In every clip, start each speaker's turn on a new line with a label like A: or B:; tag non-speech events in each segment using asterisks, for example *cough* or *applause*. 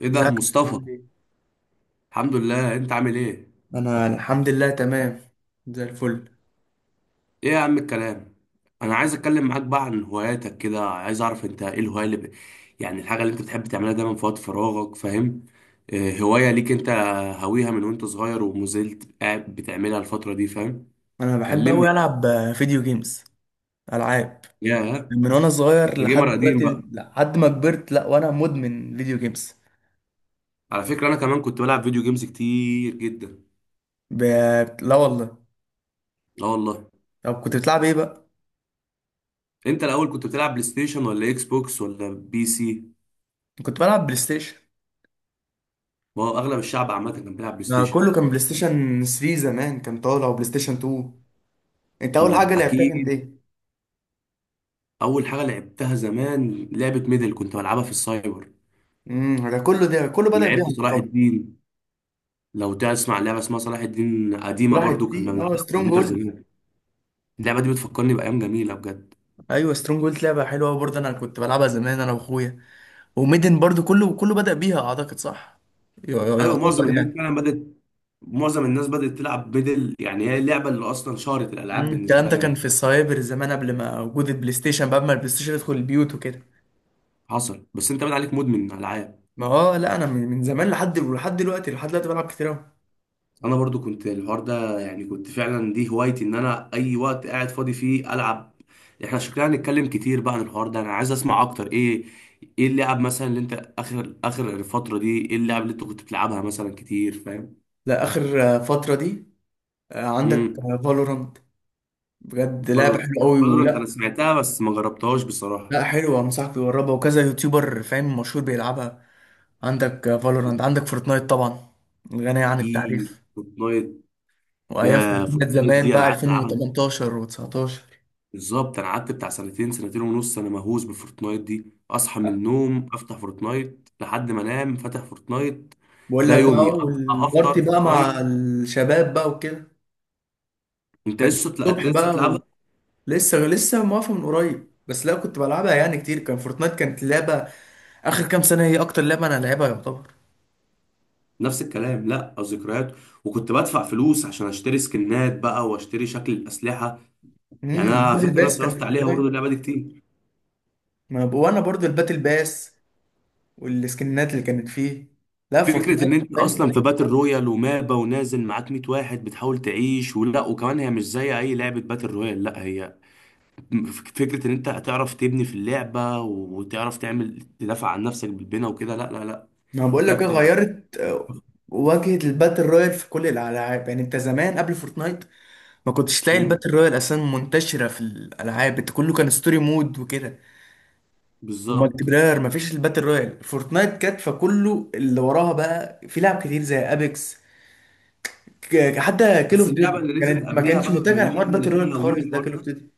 A: ايه
B: ازيك
A: ده
B: يا كريم،
A: مصطفى.
B: عامل ايه؟
A: الحمد لله، انت عامل ايه؟
B: انا الحمد لله تمام زي الفل.
A: ايه يا عم الكلام. انا عايز اتكلم معاك بقى عن هواياتك كده، عايز اعرف انت ايه الهوايه اللي ب... الحاجه اللي انت بتحب تعملها دايما في وقت فراغك، فاهم؟ إيه هوايه ليك انت، هاويها من وانت صغير ومازلت قاعد بتعملها الفتره دي، فاهم؟
B: انا بحب
A: كلمني
B: اوي
A: كده.
B: العب فيديو جيمز، العاب،
A: يا،
B: من وانا صغير
A: انت جيمر
B: لحد
A: قديم
B: دلوقتي،
A: بقى.
B: لحد ما كبرت لا وانا مدمن فيديو جيمز.
A: على فكره انا كمان كنت بلعب فيديو جيمز كتير جدا.
B: ب... لا والله.
A: لا والله.
B: طب كنت بتلعب ايه بقى؟
A: انت الاول كنت بتلعب بلاي ستيشن ولا اكس بوكس ولا بي سي؟
B: كنت بلعب بلاي ستيشن.
A: ما هو اغلب الشعب عامه كان بيلعب بلاي
B: ما
A: ستيشن.
B: كله كان بلاي ستيشن 3، زمان كان طالع وبلاي ستيشن 2. انت اول حاجه لعبتها كانت
A: اكيد.
B: ايه؟
A: اول حاجه لعبتها زمان لعبه ميدل، كنت بلعبها في السايبر.
B: ده كله، بدأ بيها
A: ولعبت
B: انت
A: صلاح
B: طبعا.
A: الدين، لو تسمع لعبه اسمها صلاح الدين، قديمه
B: راحت
A: برضو
B: دي،
A: كنا
B: اه
A: بنلعبها على
B: سترونج
A: الكمبيوتر
B: هولد.
A: زمان. اللعبه دي بتفكرني بايام جميله بجد.
B: ايوه سترونج هولد لعبه حلوه برضه، انا كنت بلعبها زمان انا واخويا. وميدن برضو، كله بدأ بيها اعتقد، صح؟
A: ايوه
B: يعتبر
A: معظم الناس
B: يعني.
A: فعلا بدات، معظم الناس بدات تلعب ميدل، هي اللعبه اللي اصلا شهرت الالعاب
B: الكلام
A: بالنسبه
B: ده كان
A: لنا.
B: في السايبر زمان، قبل ما وجود البلاي ستيشن بقى، ما البلاي ستيشن يدخل البيوت وكده.
A: حصل، بس انت بقى عليك مدمن العاب.
B: ما هو لا انا من زمان لحد دلوقتي بلعب كتير قوي.
A: انا برضو كنت الحوار ده، كنت فعلا دي هوايتي، ان انا اي وقت قاعد فاضي فيه العب. احنا شكلنا هنتكلم كتير بقى عن الحوار ده، انا عايز اسمع اكتر. ايه، ايه اللعب مثلا اللي انت، اخر الفتره دي ايه اللعب اللي انت كنت بتلعبها مثلا كتير، فاهم؟
B: لا اخر فترة دي. عندك
A: امم
B: فالورانت، بجد لعبة
A: برضو.
B: حلوة قوي
A: انت انا
B: ولا؟
A: سمعتها بس ما جربتهاش بصراحه.
B: لا حلوة، انصحك تجربها، وكذا يوتيوبر فاهم مشهور بيلعبها. عندك فالورانت، عندك فورتنايت طبعا، غنية عن
A: اكيد
B: التعريف.
A: فورتنايت.
B: وايام
A: يا،
B: فورتنايت
A: فورتنايت
B: زمان
A: دي انا
B: بقى
A: قعدت العبها.
B: 2018 و19.
A: بالظبط، انا قعدت بتاع سنتين، سنتين ونص، انا مهووس بفورتنايت دي، اصحى من النوم افتح فورتنايت لحد ما انام فاتح فورتنايت.
B: بقول
A: ده
B: لك
A: يومي،
B: بقى،
A: اصحى
B: والبارتي
A: افطر
B: بقى مع
A: فورتنايت.
B: الشباب بقى وكده
A: انت
B: كانت
A: لسه تلع... انت
B: الصبح
A: لسه تلعبها؟
B: بقى. ولسه موافق من قريب، بس لا كنت بلعبها يعني كتير، كان فورتنايت كانت لعبة آخر كام سنة، هي أكتر لعبة أنا لعبها يعتبر.
A: نفس الكلام، لا ذكريات. وكنت بدفع فلوس عشان اشتري سكنات بقى واشتري شكل الاسلحه. انا
B: الباتل
A: فاكر انا
B: باس كان
A: صرفت
B: في
A: عليها برضه
B: فورتنايت.
A: اللعبه دي كتير.
B: ما ب- وأنا برضو الباتل باس والسكنات اللي كانت فيه، لا
A: فكرة
B: فورتنايت
A: إن أنت
B: فاهم.
A: أصلا في باتل رويال ومابا ونازل معاك 100 واحد بتحاول تعيش ولا، وكمان هي مش زي أي لعبة باتل رويال، لا هي فكرة ان انت هتعرف تبني في اللعبة، وتعرف تعمل تدافع عن نفسك بالبناء وكده. لا لا لا.
B: ما بقول لك إيه،
A: بجد ه-.
B: غيرت واجهة الباتل رويال في كل الألعاب. يعني أنت زمان قبل فورتنايت ما كنتش تلاقي
A: مم،
B: الباتل رويال أساسا منتشرة في الألعاب، أنت كله كان ستوري مود وكده، والمالتي
A: بالظبط.
B: بلاير مفيش الباتل رويال. فورتنايت كانت، فكله اللي وراها بقى في لعب كتير زي ابيكس. حتى كيل
A: بس
B: اوف
A: اللعبة
B: ديوتي
A: اللي نزلت
B: كانت، ما
A: قبليها
B: كانتش
A: بقى، بما
B: متجهه
A: اننا
B: لحوار
A: احنا
B: باتل
A: الاتنين
B: رويال
A: هاويين
B: خالص، ده
A: الحوار
B: كيل اوف
A: ده،
B: ديوتي.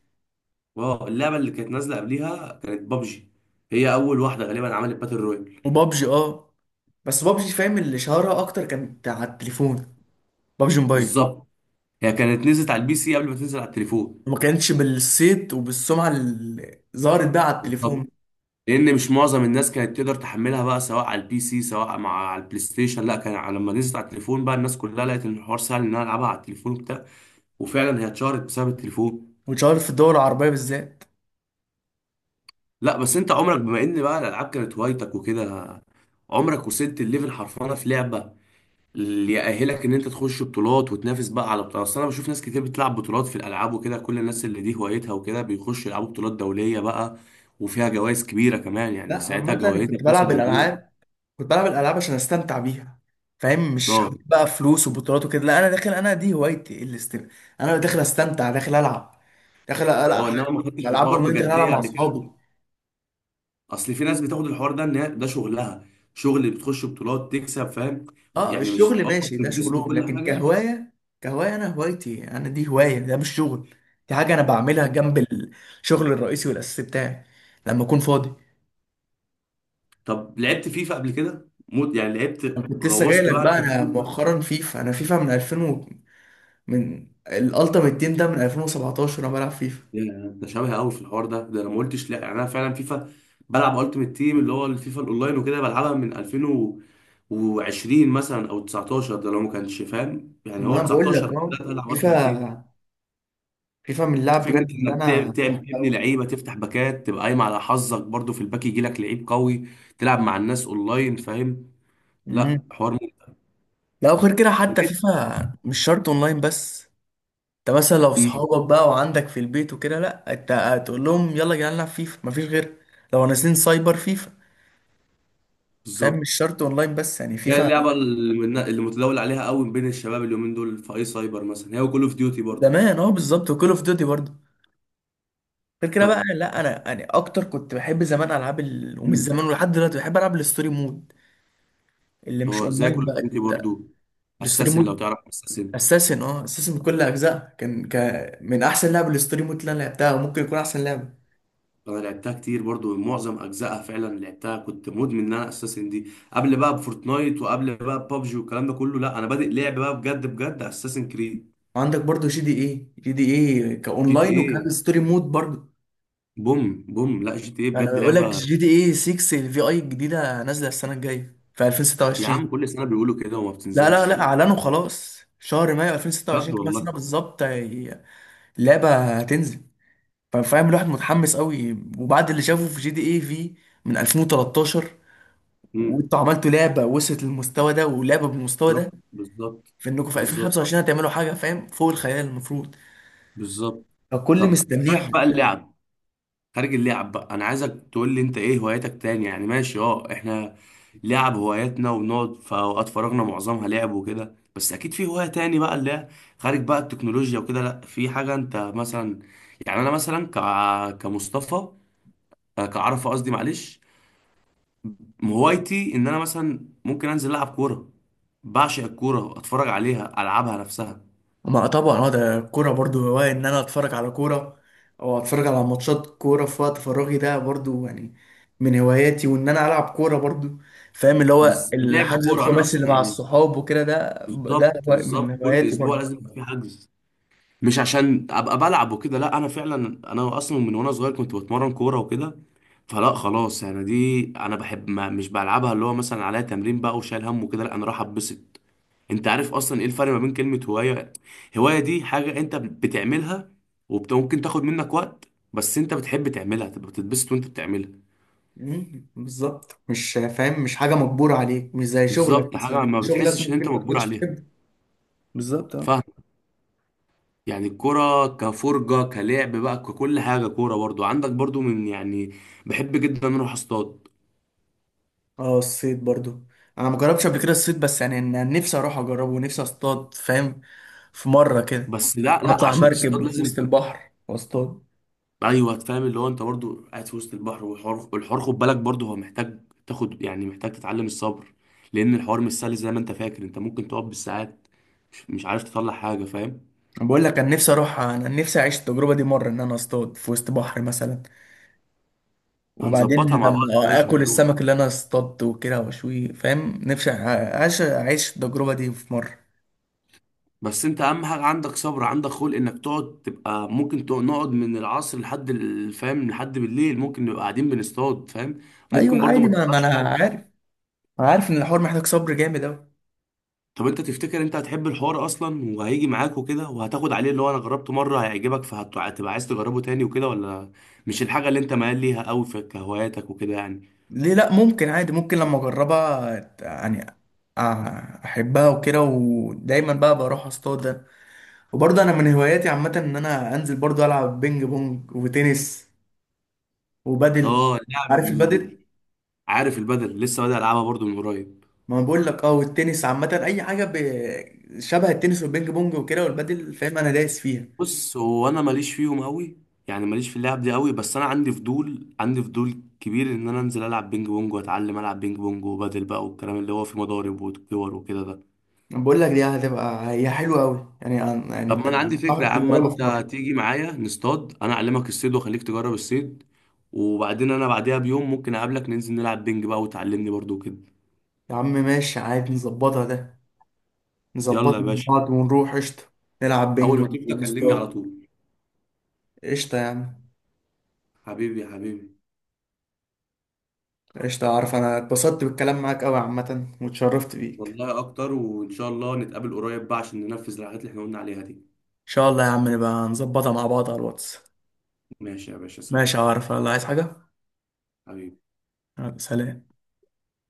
A: اه اللعبة اللي كانت نازلة قبليها كانت بابجي، هي اول واحدة غالبا عملت باتل رويال.
B: وبابجي اه، بس بابجي فاهم اللي شهرها اكتر كانت على التليفون، بابجي موبايل،
A: بالظبط. هي كانت نزلت على البي سي قبل ما تنزل على التليفون.
B: وما كانتش بالصيت وبالسمعه اللي ظهرت بقى على
A: بالظبط.
B: التليفون.
A: لان مش معظم الناس كانت تقدر تحملها بقى سواء على البي سي سواء مع على البلاي ستيشن، لا كان على- لما نزلت على التليفون بقى الناس كلها لقت ان الحوار سهل ان انا العبها على التليفون وبتاع. وفعلا هي اتشهرت بسبب التليفون.
B: واتشهرت في الدول العربيه بالذات.
A: لا بس انت عمرك، بما ان بقى الالعاب كانت هوايتك وكده، عمرك وصلت الليفل حرفانه في لعبه اللي يأهلك ان انت تخش بطولات وتنافس بقى على بطولات؟ اصل انا بشوف ناس كتير بتلعب بطولات في الالعاب وكده، كل الناس اللي دي هوايتها وكده بيخشوا يلعبوا بطولات دوليه بقى، وفيها جوائز كبيره كمان،
B: لا عامه
A: ساعتها
B: انا
A: جوائزها
B: كنت
A: بتوصل
B: بلعب
A: لمليون.
B: الالعاب، كنت بلعب الالعاب عشان استمتع بيها فاهم، مش حاطط
A: اه.
B: بقى فلوس وبطولات وكده، لا انا داخل، انا دي هوايتي الاستمتاع. انا داخل استمتع، داخل العب، داخل العب
A: اه،
B: بالظبط.
A: انما ما خدتش
B: العاب
A: الحوار
B: اونلاين داخل هي العب
A: بجديه
B: مع
A: قبل كده.
B: اصحابي.
A: اصل في ناس بتاخد الحوار ده ان هي- ده شغلها، شغل، بتخش بطولات تكسب، فاهم؟
B: اه
A: مش
B: الشغل
A: اه
B: ماشي ده
A: بتدوس
B: شغلهم،
A: بكل
B: لكن
A: حاجه.
B: كهوايه. كهوايه انا هوايتي، انا دي هوايه، ده مش شغل. دي حاجه انا بعملها جنب الشغل الرئيسي والاساسي بتاعي لما اكون فاضي.
A: طب لعبت فيفا قبل كده؟ موت، لعبت،
B: انا كنت لسه جاي
A: غوصت
B: لك
A: بقى
B: بقى،
A: انت في
B: انا
A: فيفا؟
B: مؤخرا فيفا، انا فيفا من 2000 و... من الالتيميت تيم ده من 2017 انا بلعب فيفا.
A: يا، انت شبه قوي في الحوار ده. ده انا ما قلتش لا، انا فعلا فيفا، بلعب التيمت تيم اللي هو الفيفا الاونلاين وكده، بلعبها من 2020 مثلا او 19، ده لو ما كانش فاهم، هو
B: ما انا بقول لك
A: 19
B: اهو،
A: بدات العب التيمت تيم.
B: فيفا، فيفا من اللعب
A: فكره
B: بجد اللي
A: انك
B: انا بحبها
A: تبني
B: قوي.
A: لعيبه، تفتح باكات، تبقى قايم على حظك برضو في الباك يجي لك لعيب قوي، تلعب مع الناس اونلاين، فاهم؟
B: امم
A: لا حوار
B: لا وغير كده حتى
A: ممتع.
B: فيفا مش شرط اونلاين بس. انت مثلا لو
A: أمم،
B: صحابك بقى وعندك في البيت وكده، لا انت هتقول لهم يلا يا جدعان نلعب فيفا مفيش غير، لو نازلين سايبر فيفا، فاهم
A: بالظبط.
B: مش شرط اونلاين بس يعني
A: هي
B: فيفا.
A: اللعبة اللي متداول عليها قوي بين الشباب اليومين دول في أي سايبر مثلا، هي وكول أوف ديوتي برضو.
B: زمان اه بالظبط، وكول اوف ديوتي برضه. غير كده بقى
A: طب،
B: لا انا يعني اكتر كنت بحب زمان العاب ومش
A: مم.
B: زمان ولحد دلوقتي بحب العب الستوري مود اللي مش
A: هو زي
B: اونلاين
A: كول أوف
B: بقى.
A: ديوتي برضو،
B: الستوري
A: أساسن، لو
B: مود
A: تعرف أساسن.
B: اساسن، اه اساسن بكل اجزاء كان من احسن لعبه الستوري مود اللي انا لعبتها، وممكن يكون احسن لعبه.
A: أنا لعبتها كتير برضو، معظم أجزائها فعلا لعبتها، كنت مدمن إن أنا أساسن دي قبل بقى بفورتنايت وقبل بقى ببجي والكلام ده كله، لا أنا بادئ لعب بقى، بجد أساسن كريد.
B: وعندك برضو جي دي ايه، جي دي ايه
A: جي تي
B: كاونلاين وكان
A: إيه،
B: ستوري مود برضو.
A: بوم بوم، لا جي تي إيه بجد
B: انا بقول
A: لعبة.
B: لك جي دي ايه 6 الفي اي الجديده نازله السنه الجايه في
A: يا عم
B: 2026.
A: كل سنة بيقولوا كده وما
B: لا لا
A: بتنزلش
B: لا،
A: و...
B: اعلنوا خلاص شهر مايو
A: بجد
B: 2026 كمان سنه
A: والله؟
B: بالظبط، اللعبه هتنزل، فاهم الواحد متحمس قوي وبعد اللي شافه في جي دي ايه في من 2013،
A: امم
B: وانتوا عملتوا لعبه وصلت للمستوى ده ولعبه بالمستوى ده،
A: بالظبط
B: في انكم في
A: بالظبط،
B: 2025 هتعملوا حاجه فاهم فوق الخيال المفروض،
A: بالظبط.
B: فكل
A: طب،
B: مستنيه
A: خارج بقى
B: حرفيا.
A: اللعب، خارج اللعب بقى انا عايزك تقول لي انت ايه هواياتك تاني. ماشي، اه احنا لعب هواياتنا وبنقعد في اوقات فراغنا معظمها لعب وكده، بس اكيد في هواية تاني بقى اللي هي خارج بقى التكنولوجيا وكده، لا في حاجة انت مثلا، انا مثلا ك... كمصطفى، كعرفة قصدي، معلش. هوايتي ان انا مثلا ممكن انزل العب كورة، بعشق الكورة، اتفرج عليها، العبها نفسها.
B: ما طبعا اه، ده الكوره برضو هواية، ان انا اتفرج على كوره او اتفرج على ماتشات كوره في وقت فراغي، ده برضو يعني من هواياتي. وان انا العب كوره برضو فاهم، اللي هو
A: بس لعب
B: الحجز
A: الكورة انا
B: الخماسي
A: اصلا
B: اللي مع الصحاب وكده ده،
A: بالظبط،
B: من
A: كل
B: هواياتي
A: اسبوع
B: برضو.
A: لازم يبقى في حجز، مش عشان ابقى بلعب وكده، لا انا فعلا انا اصلا من وانا صغير كنت بتمرن كوره وكده، فلا خلاص انا دي انا بحب، ما مش بلعبها اللي هو مثلا عليها تمرين بقى وشايل هم وكده، لا انا راح اتبسط. انت عارف اصلا ايه الفرق ما بين كلمه هوايه؟ هوايه دي حاجه انت بتعملها وممكن تاخد منك وقت، بس انت بتحب تعملها تبقى بتتبسط وانت بتعملها.
B: بالظبط مش فاهم، مش حاجه مجبوره عليك، مش زي شغلك
A: بالظبط، حاجه
B: مثلا،
A: ما
B: شغلك
A: بتحسش ان
B: ممكن
A: انت
B: ما
A: مجبور
B: تكونش
A: عليها،
B: بتحبه، بالظبط اه.
A: فاهم؟ الكرة كفرجة، كلعب بقى، ككل حاجة كورة، برضو عندك برضو من، بحب جدا ان اروح اصطاد.
B: اه الصيد برضو، انا ما جربتش قبل كده الصيد، بس يعني انا نفسي اروح اجربه، ونفسي اصطاد فاهم، في مره كده
A: بس لا لا،
B: اطلع
A: عشان تصطاد
B: مركب في
A: لازم،
B: وسط البحر واصطاد.
A: ايوه فاهم، اللي هو انت برضو قاعد في وسط البحر، والحوار والحوار، خد بالك برضو هو محتاج تاخد، محتاج تتعلم الصبر، لان الحوار مش سهل زي ما انت فاكر، انت ممكن تقعد بالساعات مش عارف تطلع حاجه، فاهم؟
B: أنا بقول لك انا نفسي اروح، انا نفسي اعيش التجربه دي مره، ان انا اصطاد في وسط بحر مثلا،
A: *laughs*
B: وبعدين
A: هنظبطها مع بعض يا
B: لما
A: باشا
B: اكل
A: ونروح.
B: السمك اللي انا اصطادته وكده واشويه فاهم، نفسي اعيش التجربه دي في مره.
A: بس انت اهم حاجه عندك صبر، عندك خلق انك تقعد، تبقى ممكن نقعد من العصر لحد ال- فاهم، لحد بالليل ممكن نبقى قاعدين بنصطاد، فاهم؟ ممكن
B: ايوه
A: برضو
B: عادي،
A: ما
B: ما
A: تطلعش
B: انا
A: حاجه.
B: عارف، انا عارف ان الحوار محتاج صبر جامد.
A: طب انت تفتكر انت هتحب الحوار اصلا وهيجي معاك وكده، وهتاخد عليه اللي هو انا جربته مره هيعجبك، فهتبقى عايز تجربه تاني وكده، ولا مش الحاجه اللي انت ميال ليها قوي في كهواياتك وكده يعني؟
B: ليه لا، ممكن عادي، ممكن لما اجربها يعني احبها وكده ودايما بقى بروح اصطاد. وبرضه انا من هواياتي عامه ان انا انزل برضه العب بينج بونج وتنس وبادل،
A: اه اللعب
B: عارف
A: ال-،
B: البادل.
A: عارف البدل، لسه بادئ العبها برضو من قريب.
B: ما أنا بقول لك اه، والتنس عامه اي حاجه شبه التنس والبينج بونج وكده والبادل فاهم، انا دايس فيها.
A: بص هو انا ماليش فيهم قوي، ماليش في اللعب دي قوي، بس انا عندي فضول، عندي فضول كبير ان انا انزل العب بينج بونج واتعلم العب بينج بونج وبدل بقى، والكلام اللي هو في مضارب وكور وكده ده.
B: أنا بقول لك دي هتبقى هي حلوه قوي، يعني يعني
A: طب
B: انت
A: ما انا عندي فكره
B: هتعرف
A: يا عم،
B: تجربها في
A: انت
B: مره.
A: تيجي معايا نصطاد، انا اعلمك الصيد واخليك تجرب الصيد، وبعدين انا بعديها بيوم ممكن اقابلك ننزل نلعب بينج بقى، وتعلمني برضو كده.
B: يا عم ماشي عادي، نظبطها ده،
A: يلا يا
B: نظبطها مع
A: باشا،
B: بعض ونروح قشطه، نلعب
A: اول
B: بينج
A: ما تبدا كلمني على
B: ونستار.
A: طول.
B: قشطة يا عم.
A: حبيبي يا حبيبي.
B: قشطة أعرف أنا اتبسطت بالكلام معاك أوي عامة، واتشرفت بيك.
A: والله اكتر، وان شاء الله نتقابل قريب بقى عشان ننفذ الحاجات اللي احنا قلنا عليها دي.
B: إن شاء الله يا عم، نبقى نظبطها مع بعض على الواتس.
A: ماشي يا باشا،
B: ماشي
A: سلام.
B: أعرف الله عايز حاجة،
A: حبيبي.
B: يلا، سلام.